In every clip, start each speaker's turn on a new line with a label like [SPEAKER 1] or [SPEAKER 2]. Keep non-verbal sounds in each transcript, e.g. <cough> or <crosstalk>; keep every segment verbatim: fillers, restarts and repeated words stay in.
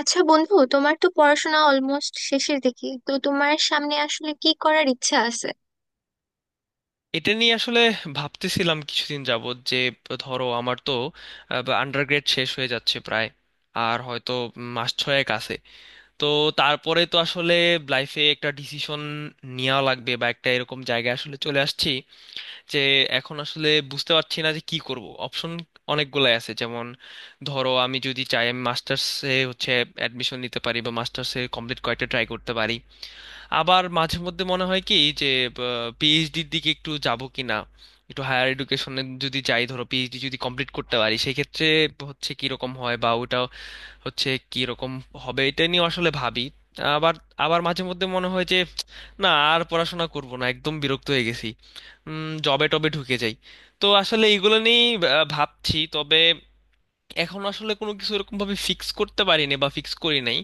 [SPEAKER 1] আচ্ছা বন্ধু, তোমার তো পড়াশোনা অলমোস্ট শেষের দিকে। তো তোমার সামনে আসলে কি করার ইচ্ছা আছে?
[SPEAKER 2] এটা নিয়ে আসলে ভাবতেছিলাম কিছুদিন যাবত যে ধরো আমার তো আন্ডারগ্রেড শেষ হয়ে যাচ্ছে প্রায়, আর হয়তো মাস ছয়েক আছে। তো তারপরে তো আসলে লাইফে একটা ডিসিশন নেওয়া লাগবে, বা একটা এরকম জায়গায় আসলে চলে আসছি যে এখন আসলে বুঝতে পারছি না যে কি করব। অপশন অনেকগুলাই আছে, যেমন ধরো আমি যদি চাই আমি মাস্টার্সে হচ্ছে অ্যাডমিশন নিতে পারি বা মাস্টার্সে কমপ্লিট কয়েকটা ট্রাই করতে পারি। আবার মাঝে মধ্যে মনে হয় কি যে পিএইচডির দিকে একটু যাব কিনা, একটু হায়ার এডুকেশনে যদি যাই, ধরো পিএইচডি যদি কমপ্লিট করতে পারি সেই ক্ষেত্রে হচ্ছে কি রকম হয় বা ওটা হচ্ছে কি রকম হবে, এটা নিয়ে আসলে ভাবি। আবার আবার মাঝে মধ্যে মনে হয় যে না আর পড়াশোনা করব না, একদম বিরক্ত হয়ে গেছি, জবে টবে ঢুকে যাই। তো আসলে এগুলো নিয়েই আহ, ভাবছি, তবে এখন আসলে কোনো কিছু এরকম ভাবে ফিক্স করতে পারিনি বা ফিক্স করি নাই।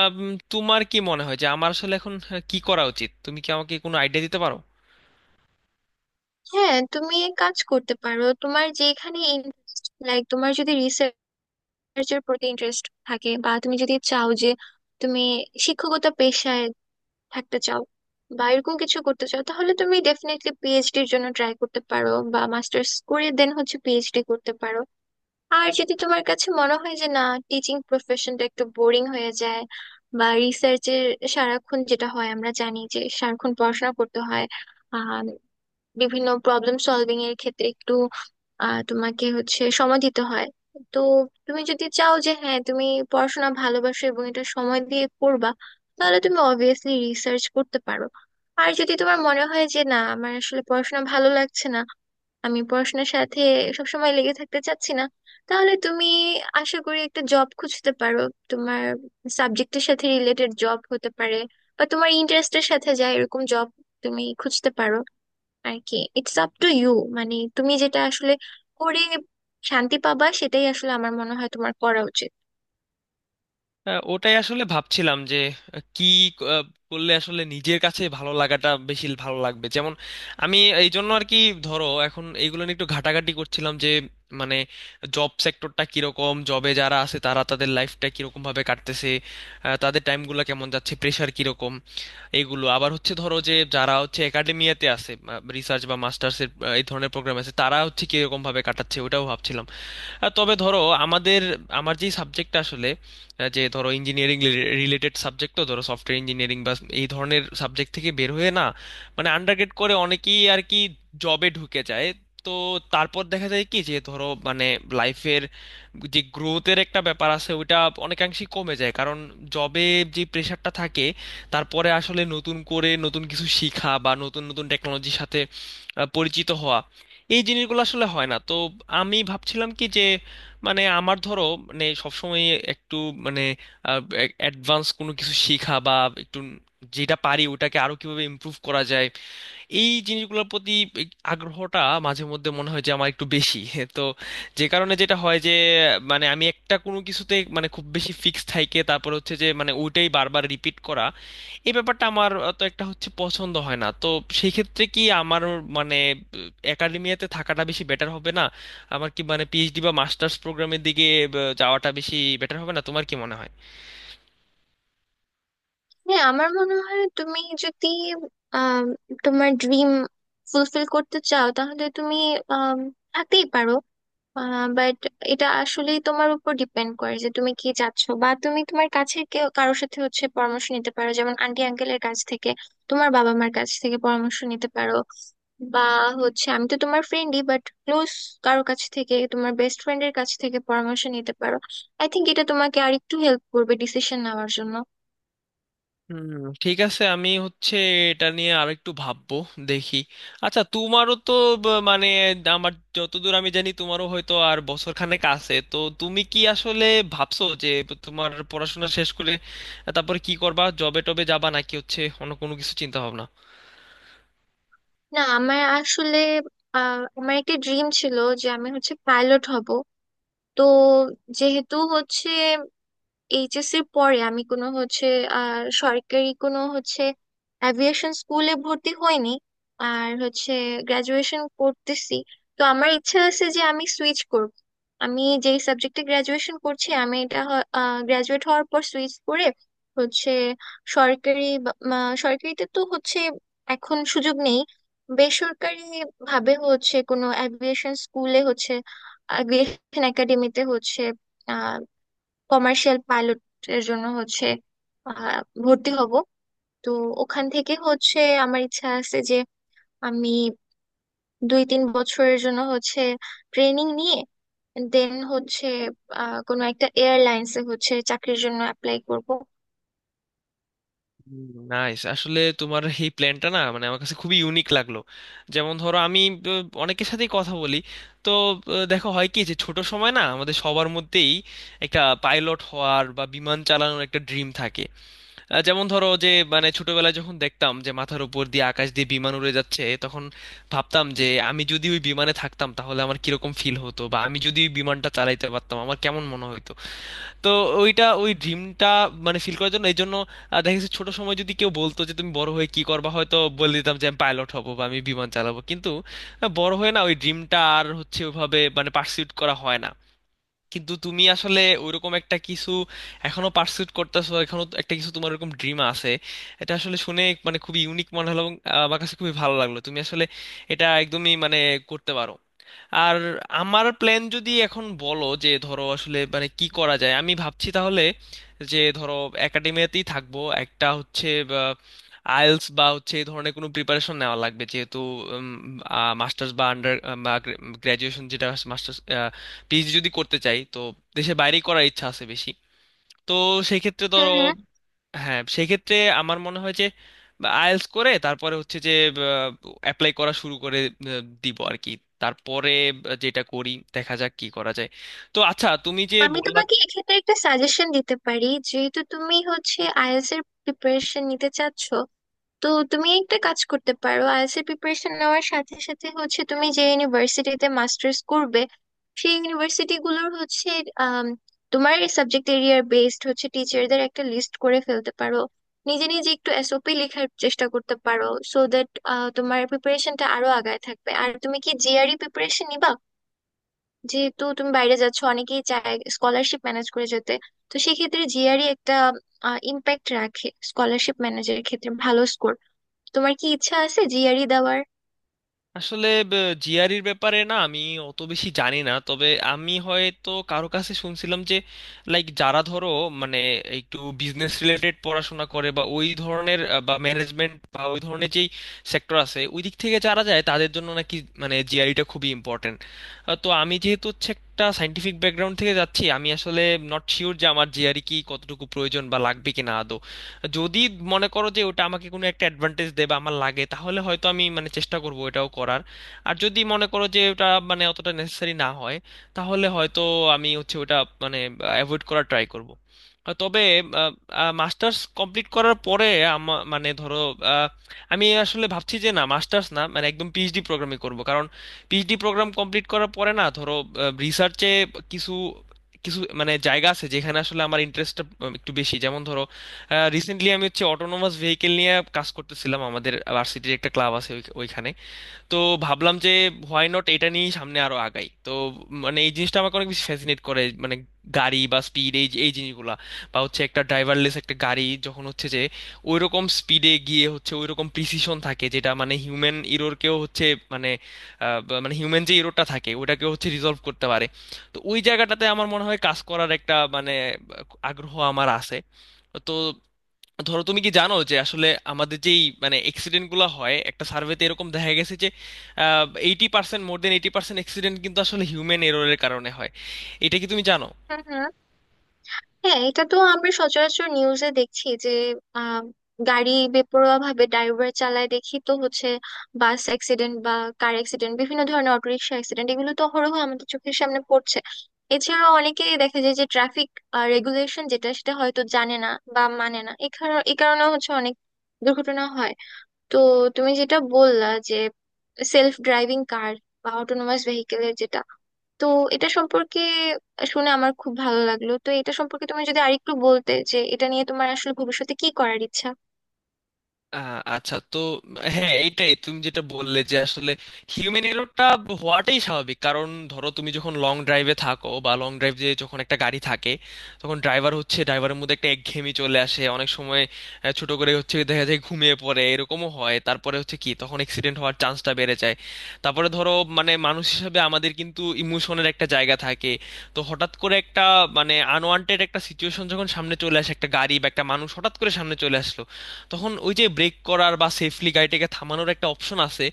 [SPEAKER 2] আম, তোমার কি মনে হয় যে আমার আসলে এখন আহ, কি করা উচিত? তুমি কি আমাকে কোনো আইডিয়া দিতে পারো?
[SPEAKER 1] হ্যাঁ, তুমি এক কাজ করতে পারো। তোমার যেখানে ইন্টারেস্ট, লাইক তোমার যদি রিসার্চের প্রতি ইন্টারেস্ট থাকে, বা তুমি যদি চাও যে তুমি শিক্ষকতা পেশায় থাকতে চাও বা এরকম কিছু করতে চাও, তাহলে তুমি ডেফিনেটলি পিএইচডির জন্য ট্রাই করতে পারো, বা মাস্টার্স করে দেন হচ্ছে পিএইচডি করতে পারো। আর যদি তোমার কাছে মনে হয় যে না, টিচিং প্রফেশনটা একটু বোরিং হয়ে যায়, বা রিসার্চের সারাক্ষণ যেটা হয় আমরা জানি যে সারাক্ষণ পড়াশোনা করতে হয়, আহ বিভিন্ন প্রবলেম সলভিং এর ক্ষেত্রে একটু আহ তোমাকে হচ্ছে সময় দিতে হয়। তো তুমি যদি চাও যে হ্যাঁ, তুমি পড়াশোনা ভালোবাসো এবং এটা সময় দিয়ে করবা, তাহলে তুমি অবভিয়াসলি রিসার্চ করতে পারো। আর যদি তোমার মনে হয় যে না, আমার আসলে পড়াশোনা ভালো লাগছে না, আমি পড়াশোনার সাথে সবসময় লেগে থাকতে চাচ্ছি না, তাহলে তুমি আশা করি একটা জব খুঁজতে পারো। তোমার সাবজেক্টের সাথে রিলেটেড জব হতে পারে, বা তোমার ইন্টারেস্টের সাথে যায় এরকম জব তুমি খুঁজতে পারো আর কি। It's up to you. মানে তুমি যেটা আসলে করে শান্তি পাবা, সেটাই আসলে আমার মনে হয় তোমার করা উচিত।
[SPEAKER 2] হ্যাঁ, ওটাই আসলে ভাবছিলাম যে আহ, কি আহ, করলে আসলে নিজের কাছে ভালো লাগাটা বেশি ভালো লাগবে। যেমন আমি এই জন্য আর কি ধরো এখন এইগুলো নিয়ে একটু ঘাটাঘাটি করছিলাম যে মানে জব সেক্টরটা কিরকম, জবে যারা আছে তারা তাদের লাইফটা কিরকম ভাবে কাটতেছে, আহ, তাদের টাইমগুলো কেমন যাচ্ছে, প্রেশার কিরকম। এইগুলো, আবার হচ্ছে ধরো যে যারা হচ্ছে একাডেমিয়াতে আছে, রিসার্চ বা মাস্টার্সের এই ধরনের প্রোগ্রাম আছে, তারা হচ্ছে কিরকম ভাবে কাটাচ্ছে ওটাও ভাবছিলাম। আহ, তবে ধরো আমাদের আমার যেই সাবজেক্টটা আসলে, আহ, যে ধরো ইঞ্জিনিয়ারিং রিলেটেড সাবজেক্ট, তো ধরো সফটওয়্যার ইঞ্জিনিয়ারিং বা এই ধরনের সাবজেক্ট থেকে বের হয়ে না, মানে আন্ডারগ্রেড করে অনেকেই আর কি জবে ঢুকে যায়। তো তারপর দেখা যায় কি যে ধরো মানে লাইফের যে গ্রোথের একটা ব্যাপার আছে ওইটা অনেকাংশেই কমে যায়, কারণ জবে যে প্রেশারটা থাকে তারপরে আসলে নতুন করে নতুন কিছু শেখা বা নতুন নতুন টেকনোলজির সাথে আহ, পরিচিত হওয়া এই জিনিসগুলো আসলে হয় না। তো আমি ভাবছিলাম কি যে মানে আমার ধরো মানে সবসময় একটু মানে অ্যাডভান্স কোনো কিছু শেখা বা একটু যেটা পারি ওটাকে আরো কিভাবে ইমপ্রুভ করা যায়, এই জিনিসগুলোর প্রতি আগ্রহটা মাঝে মধ্যে মনে হয় যে আমার একটু বেশি <laughs> তো যে কারণে যেটা হয় যে মানে আমি একটা কোনো কিছুতে মানে খুব বেশি ফিক্স থাইকে তারপর হচ্ছে যে মানে ওইটাই বারবার রিপিট করা, এই ব্যাপারটা আমার তো একটা হচ্ছে পছন্দ হয় না। তো সেই ক্ষেত্রে কি আমার মানে একাডেমিয়াতে থাকাটা বেশি বেটার হবে না? আমার কি মানে পিএইচডি বা মাস্টার্স প্রোগ্রামের দিকে আহ, যাওয়াটা বেশি বেটার হবে না? তোমার কি মনে হয়?
[SPEAKER 1] হ্যাঁ, আমার মনে হয় তুমি যদি আহ তোমার ড্রিম ফুলফিল করতে চাও, তাহলে তুমি আহ থাকতেই পারো। বাট এটা আসলেই তোমার উপর ডিপেন্ড করে যে তুমি কি চাচ্ছ। বা তুমি তোমার কাছের কেউ, কারোর সাথে হচ্ছে পরামর্শ নিতে পারো, যেমন আন্টি আঙ্কেলের কাছ থেকে, তোমার বাবা মার কাছ থেকে পরামর্শ নিতে পারো। বা হচ্ছে আমি তো তোমার ফ্রেন্ডই, বাট ক্লোজ কারোর কাছ থেকে, তোমার বেস্ট ফ্রেন্ডের কাছ থেকে পরামর্শ নিতে পারো। আই থিংক এটা তোমাকে আর একটু হেল্প করবে ডিসিশন নেওয়ার জন্য।
[SPEAKER 2] হুম, ঠিক আছে, আমি হচ্ছে এটা নিয়ে আরেকটু ভাববো, দেখি। আচ্ছা তোমারও তো ব- মানে, আমার যতদূর আমি জানি তোমারও হয়তো আর বছর খানেক আছে। তো তুমি কি আসলে ভাবছো যে তোমার পড়াশোনা শেষ করে তারপরে কি করবা, জবে টবে যাবা নাকি হচ্ছে অন্য কোনো কিছু চিন্তা ভাবনা?
[SPEAKER 1] না, আমার আসলে আহ আমার একটা ড্রিম ছিল যে আমি হচ্ছে পাইলট হব। তো যেহেতু হচ্ছে এইচএসসি এর পরে আমি কোনো হচ্ছে আর সরকারি কোনো হচ্ছে অ্যাভিয়েশন স্কুলে ভর্তি হইনি, আর হচ্ছে গ্রাজুয়েশন করতেছি, তো আমার ইচ্ছা আছে যে আমি সুইচ করব। আমি যেই সাবজেক্টে গ্রাজুয়েশন করছি আমি এটা গ্রাজুয়েট হওয়ার পর সুইচ করে হচ্ছে সরকারি বা- মা- সরকারিতে তো হচ্ছে এখন সুযোগ নেই, বেসরকারি ভাবে হচ্ছে কোনো অ্যাভিয়েশন স্কুলে হচ্ছে অ্যাভিয়েশন একাডেমিতে হচ্ছে কমার্শিয়াল পাইলট এর জন্য হচ্ছে আহ, ভর্তি হব। তো ওখান থেকে হচ্ছে আমার ইচ্ছা আছে যে আমি দুই তিন বছরের জন্য হচ্ছে ট্রেনিং নিয়ে দেন হচ্ছে আহ, কোনো একটা এয়ারলাইন্সে হচ্ছে চাকরির জন্য অ্যাপ্লাই করব।
[SPEAKER 2] নাইস, আসলে তোমার এই প্ল্যানটা না মানে আমার কাছে খুবই ইউনিক লাগলো। যেমন ধরো আমি আহ, অনেকের সাথেই কথা বলি। তো আহ, দেখো হয় কি যে ছোট সময় না আমাদের সবার মধ্যেই একটা পাইলট হওয়ার বা বিমান চালানোর একটা ড্রিম থাকে। আহ, যেমন ধরো যে মানে ছোটবেলায় যখন দেখতাম যে মাথার উপর দিয়ে আকাশ দিয়ে বিমান উড়ে যাচ্ছে তখন ভাবতাম যে আমি যদি ওই বিমানে থাকতাম তাহলে আমার কিরকম ফিল হতো, বা আমি যদি ওই বিমানটা চালাইতে পারতাম আমার কেমন মনে হতো। তো ওইটা ওই ড্রিমটা মানে ফিল করার জন্য এই জন্য আহ, দেখা গেছে ছোট সময় যদি কেউ বলতো যে তুমি বড় হয়ে কি করবা হয়তো বলে দিতাম যে আমি পাইলট হব বা আমি বিমান চালাবো, কিন্তু আহ, বড় হয়ে না ওই ড্রিমটা আর হচ্ছে ওইভাবে মানে পার্সিউট করা হয় না। কিন্তু তুমি আসলে ওইরকম একটা কিছু এখনো পার্সুট করতেছো, এখনো তো একটা কিছু তোমার ওরকম ড্রিম আছে, এটা আসলে শুনে মানে খুবই ইউনিক মনে হলো এবং আহ, আমার কাছে খুবই ভালো লাগলো। তুমি আসলে এটা একদমই মানে করতে পারো। আর আমার প্ল্যান যদি এখন বলো যে ধরো আসলে মানে কি করা যায় আমি ভাবছি, তাহলে যে ধরো একাডেমিয়াতেই থাকবো, একটা হচ্ছে আইএলস বা হচ্ছে এই ধরনের কোনো প্রিপারেশন নেওয়া লাগবে, যেহেতু মাস্টার্স বা আন্ডার গ্র্যাজুয়েশন যেটা মাস্টার্স পিএইচডি যদি করতে চাই তো দেশের বাইরেই করার ইচ্ছা আছে বেশি। তো সেক্ষেত্রে
[SPEAKER 1] হুম
[SPEAKER 2] ধরো,
[SPEAKER 1] হুম।
[SPEAKER 2] হ্যাঁ সেক্ষেত্রে আমার মনে হয় যে আইএলটিএস করে তারপরে হচ্ছে যে অ্যাপ্লাই করা শুরু করে আহ, দিব আর কি। তারপরে যেটা করি দেখা যাক কি করা যায়। তো আচ্ছা তুমি যে
[SPEAKER 1] আমি
[SPEAKER 2] বললা,
[SPEAKER 1] তোমাকে এক্ষেত্রে একটা সাজেশন দিতে পারি। যেহেতু তুমি হচ্ছে আইএলটিএস এর প্রিপারেশন নিতে চাচ্ছ, তো তুমি একটা কাজ করতে পারো, আইএলটিএস এর প্রিপারেশন নেওয়ার সাথে সাথে হচ্ছে তুমি যে ইউনিভার্সিটিতে মাস্টার্স করবে সেই ইউনিভার্সিটি গুলোর হচ্ছে আম, তোমার সাবজেক্ট এরিয়ার বেসড হচ্ছে টিচারদের একটা লিস্ট করে ফেলতে পারো, নিজে নিজে একটু এসওপি লেখার চেষ্টা করতে পারো, সো দ্যাট তোমার প্রিপারেশনটা আরো আগায় থাকবে। আর তুমি কি জিআরই প্রিপারেশন নিবা? যেহেতু তুমি বাইরে যাচ্ছ অনেকেই চায় স্কলারশিপ ম্যানেজ করে যেতে, তো সেক্ষেত্রে জিআরই একটা ইম্প্যাক্ট রাখে স্কলারশিপ ম্যানেজারের ক্ষেত্রে ভালো। তোমার কি ইচ্ছা আছে জিআরই দেওয়ার?
[SPEAKER 2] আসলে জিআরির ব্যাপারে না আমি অত বেশি জানি না, তবে আমি হয়তো কারো কাছে শুনছিলাম যে লাইক যারা ধরো মানে একটু বিজনেস রিলেটেড পড়াশোনা করে বা ওই ধরনের আহ, বা ম্যানেজমেন্ট বা ওই ধরনের যেই সেক্টর আছে ওই দিক থেকে যারা যায় তাদের জন্য নাকি মানে জিআরিটা খুবই ইম্পর্টেন্ট। তো আমি যেহেতু হচ্ছে একটা সাইন্টিফিক ব্যাকগ্রাউন্ড থেকে যাচ্ছি, আমি আসলে নট শিওর যে আমার জিআরি কি কতটুকু প্রয়োজন বা লাগবে কিনা না। যদি মনে করো যে ওটা আমাকে কোনো একটা অ্যাডভান্টেজ দেবে আমার লাগে তাহলে হয়তো আমি মানে চেষ্টা করব এটাও করার। আর যদি মনে করো যে ওটা মানে অতটা নেসেসারি না হয় তাহলে হয়তো আমি হচ্ছে ওটা মানে অ্যাভয়েড করার ট্রাই করব। তবে মাস্টার্স কমপ্লিট করার পরে আমা- মানে ধরো আহ, আমি আসলে ভাবছি যে না মাস্টার্স না মানে একদম পিএইচডি প্রোগ্রামই করব, কারণ পিএইচডি প্রোগ্রাম কমপ্লিট করার পরে না ধরো রিসার্চে কিছু কিছু মানে জায়গা আছে যেখানে আসলে আমার ইন্টারেস্টটা একটু বেশি। যেমন ধরো রিসেন্টলি আমি হচ্ছে অটোনোমাস ভেহিকেল নিয়ে কাজ করতেছিলাম, আমাদের ভার্সিটির একটা ক্লাব আছে ওই- ওইখানে। তো ভাবলাম যে হোয়াই নট এটা নিয়ে সামনে আরো আগাই। তো মানে এই জিনিসটা আমাকে অনেক বেশি ফ্যাসিনেট করে, মানে গাড়ি বা স্পিড এই এই জিনিসগুলা, বা হচ্ছে একটা ড্রাইভারলেস একটা গাড়ি যখন হচ্ছে যে ওই রকম স্পিডে গিয়ে হচ্ছে ওই রকম প্রিসিশন থাকে যেটা মানে হিউম্যান ইরোরকেও হচ্ছে মানে আহ, বা- মানে হিউম্যান যে ইরোরটা থাকে ওটাকেও হচ্ছে রিজলভ করতে পারে। তো ওই জায়গাটাতে আমার মনে হয় কাজ করার একটা মানে আগ্রহ আমার আছে। তো ধরো তুমি কি জানো যে আসলে আমাদের যেই মানে অ্যাক্সিডেন্ট গুলো হয় একটা সার্ভেতে এরকম দেখা গেছে যে eighty percent, more than eighty percent accident কিন্তু আসলে হিউম্যান এররের কারণে হয়। এটা কি তুমি জানো?
[SPEAKER 1] হুম হুম। হ্যাঁ, এটা তো আমরা সচরাচর নিউজে দেখছি যে আহ গাড়ি বেপরোয়া ভাবে ড্রাইভার চালায় দেখি তো হচ্ছে বাস অ্যাক্সিডেন্ট বা কার অ্যাক্সিডেন্ট, বিভিন্ন ধরনের অটোরিকশা অ্যাক্সিডেন্ট, এগুলো তো অহরহ আমাদের চোখের সামনে পড়ছে। এছাড়াও অনেকেই দেখা যায় যে ট্রাফিক রেগুলেশন যেটা সেটা হয়তো জানে না বা মানে না, এ কারণে এ কারণে হচ্ছে অনেক দুর্ঘটনা হয়। তো তুমি যেটা বললা যে সেলফ ড্রাইভিং কার বা অটোনোমাস ভেহিকেলের যেটা, তো এটা সম্পর্কে শুনে আমার খুব ভালো লাগলো। তো এটা সম্পর্কে তুমি যদি আরেকটু বলতে যে এটা নিয়ে তোমার আসলে ভবিষ্যতে কি করার ইচ্ছা।
[SPEAKER 2] আহ, আচ্ছা তো, হ্যাঁ এইটাই তুমি যেটা বললে যে আসলে হিউম্যান এররটা হওয়াটাই স্বাভাবিক, কারণ ধরো তুমি যখন লং ড্রাইভে থাকো বা লং ড্রাইভ যে যখন একটা গাড়ি থাকে তখন ড্রাইভার হচ্ছে ড্রাইভারের মধ্যে একটা একঘেয়েমি চলে আসে অনেক সময়। আহ, ছোট করে হচ্ছে দেখা যায় ঘুমিয়ে পড়ে এরকমও হয়, তারপরে হচ্ছে কি তখন অ্যাক্সিডেন্ট হওয়ার চান্সটা বেড়ে যায়। তারপরে ধরো মানে মানুষ হিসেবে আমাদের কিন্তু ইমোশনের একটা জায়গা থাকে। তো হঠাৎ করে একটা মানে আনওয়ান্টেড একটা সিচুয়েশন যখন সামনে চলে আসে, একটা গাড়ি বা একটা মানুষ হঠাৎ করে সামনে চলে আসলো, তখন ওই যে ব্রেক করার বা সেফলি গাড়িটাকে থামানোর একটা অপশন আছে,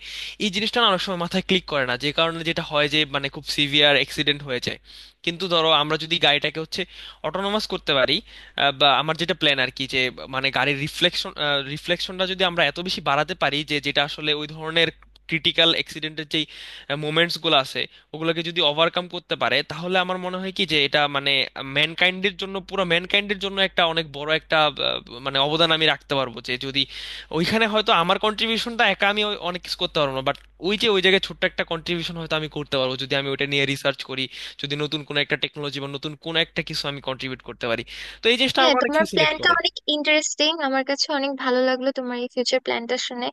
[SPEAKER 2] এই জিনিসটা না অনেক সময় মাথায় ক্লিক করে না, যে কারণে যেটা হয় যে মানে খুব সিভিয়ার অ্যাক্সিডেন্ট হয়ে যায়। কিন্তু ধরো আমরা যদি গাড়িটাকে হচ্ছে অটোনোমাস করতে পারি, আহ, বা আমার যেটা প্ল্যান আর কি যে মানে গাড়ির রিফ্লেকশন রিফ্লেকশনটা যদি আমরা এত বেশি বাড়াতে পারি যে যেটা আসলে ওই ধরনের ক্রিটিক্যাল অ্যাক্সিডেন্টের যেই মোমেন্টসগুলো আছে ওগুলোকে যদি ওভারকাম করতে পারে তাহলে আমার মনে হয় কি যে এটা মানে ম্যানকাইন্ডের জন্য, পুরো ম্যানকাইন্ডের জন্য একটা অনেক বড় একটা আহ, মানে অবদান আমি রাখতে পারবো। যে যদি ওইখানে হয়তো আমার কন্ট্রিবিউশনটা, একা আমি ওই- অনেক কিছু করতে পারবো না, বাট ওই যে ওই জায়গায় ছোট্ট একটা কন্ট্রিবিউশন হয়তো আমি করতে পারবো যদি আমি ওইটা নিয়ে রিসার্চ করি, যদি নতুন কোনো একটা টেকনোলজি বা নতুন কোনো একটা কিছু আমি কন্ট্রিবিউট করতে পারি। তো এই জিনিসটা
[SPEAKER 1] হ্যাঁ,
[SPEAKER 2] আমাকে অনেক
[SPEAKER 1] তোমার
[SPEAKER 2] ফ্যাসিনেট
[SPEAKER 1] প্ল্যানটা
[SPEAKER 2] করে।
[SPEAKER 1] অনেক ইন্টারেস্টিং, আমার কাছে অনেক ভালো লাগলো তোমার এই ফিউচার প্ল্যানটা শুনে।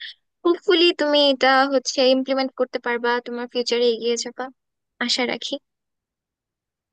[SPEAKER 1] হোপফুলি তুমি এটা হচ্ছে ইমপ্লিমেন্ট করতে পারবা, তোমার ফিউচারে এগিয়ে যাবা, আশা রাখি।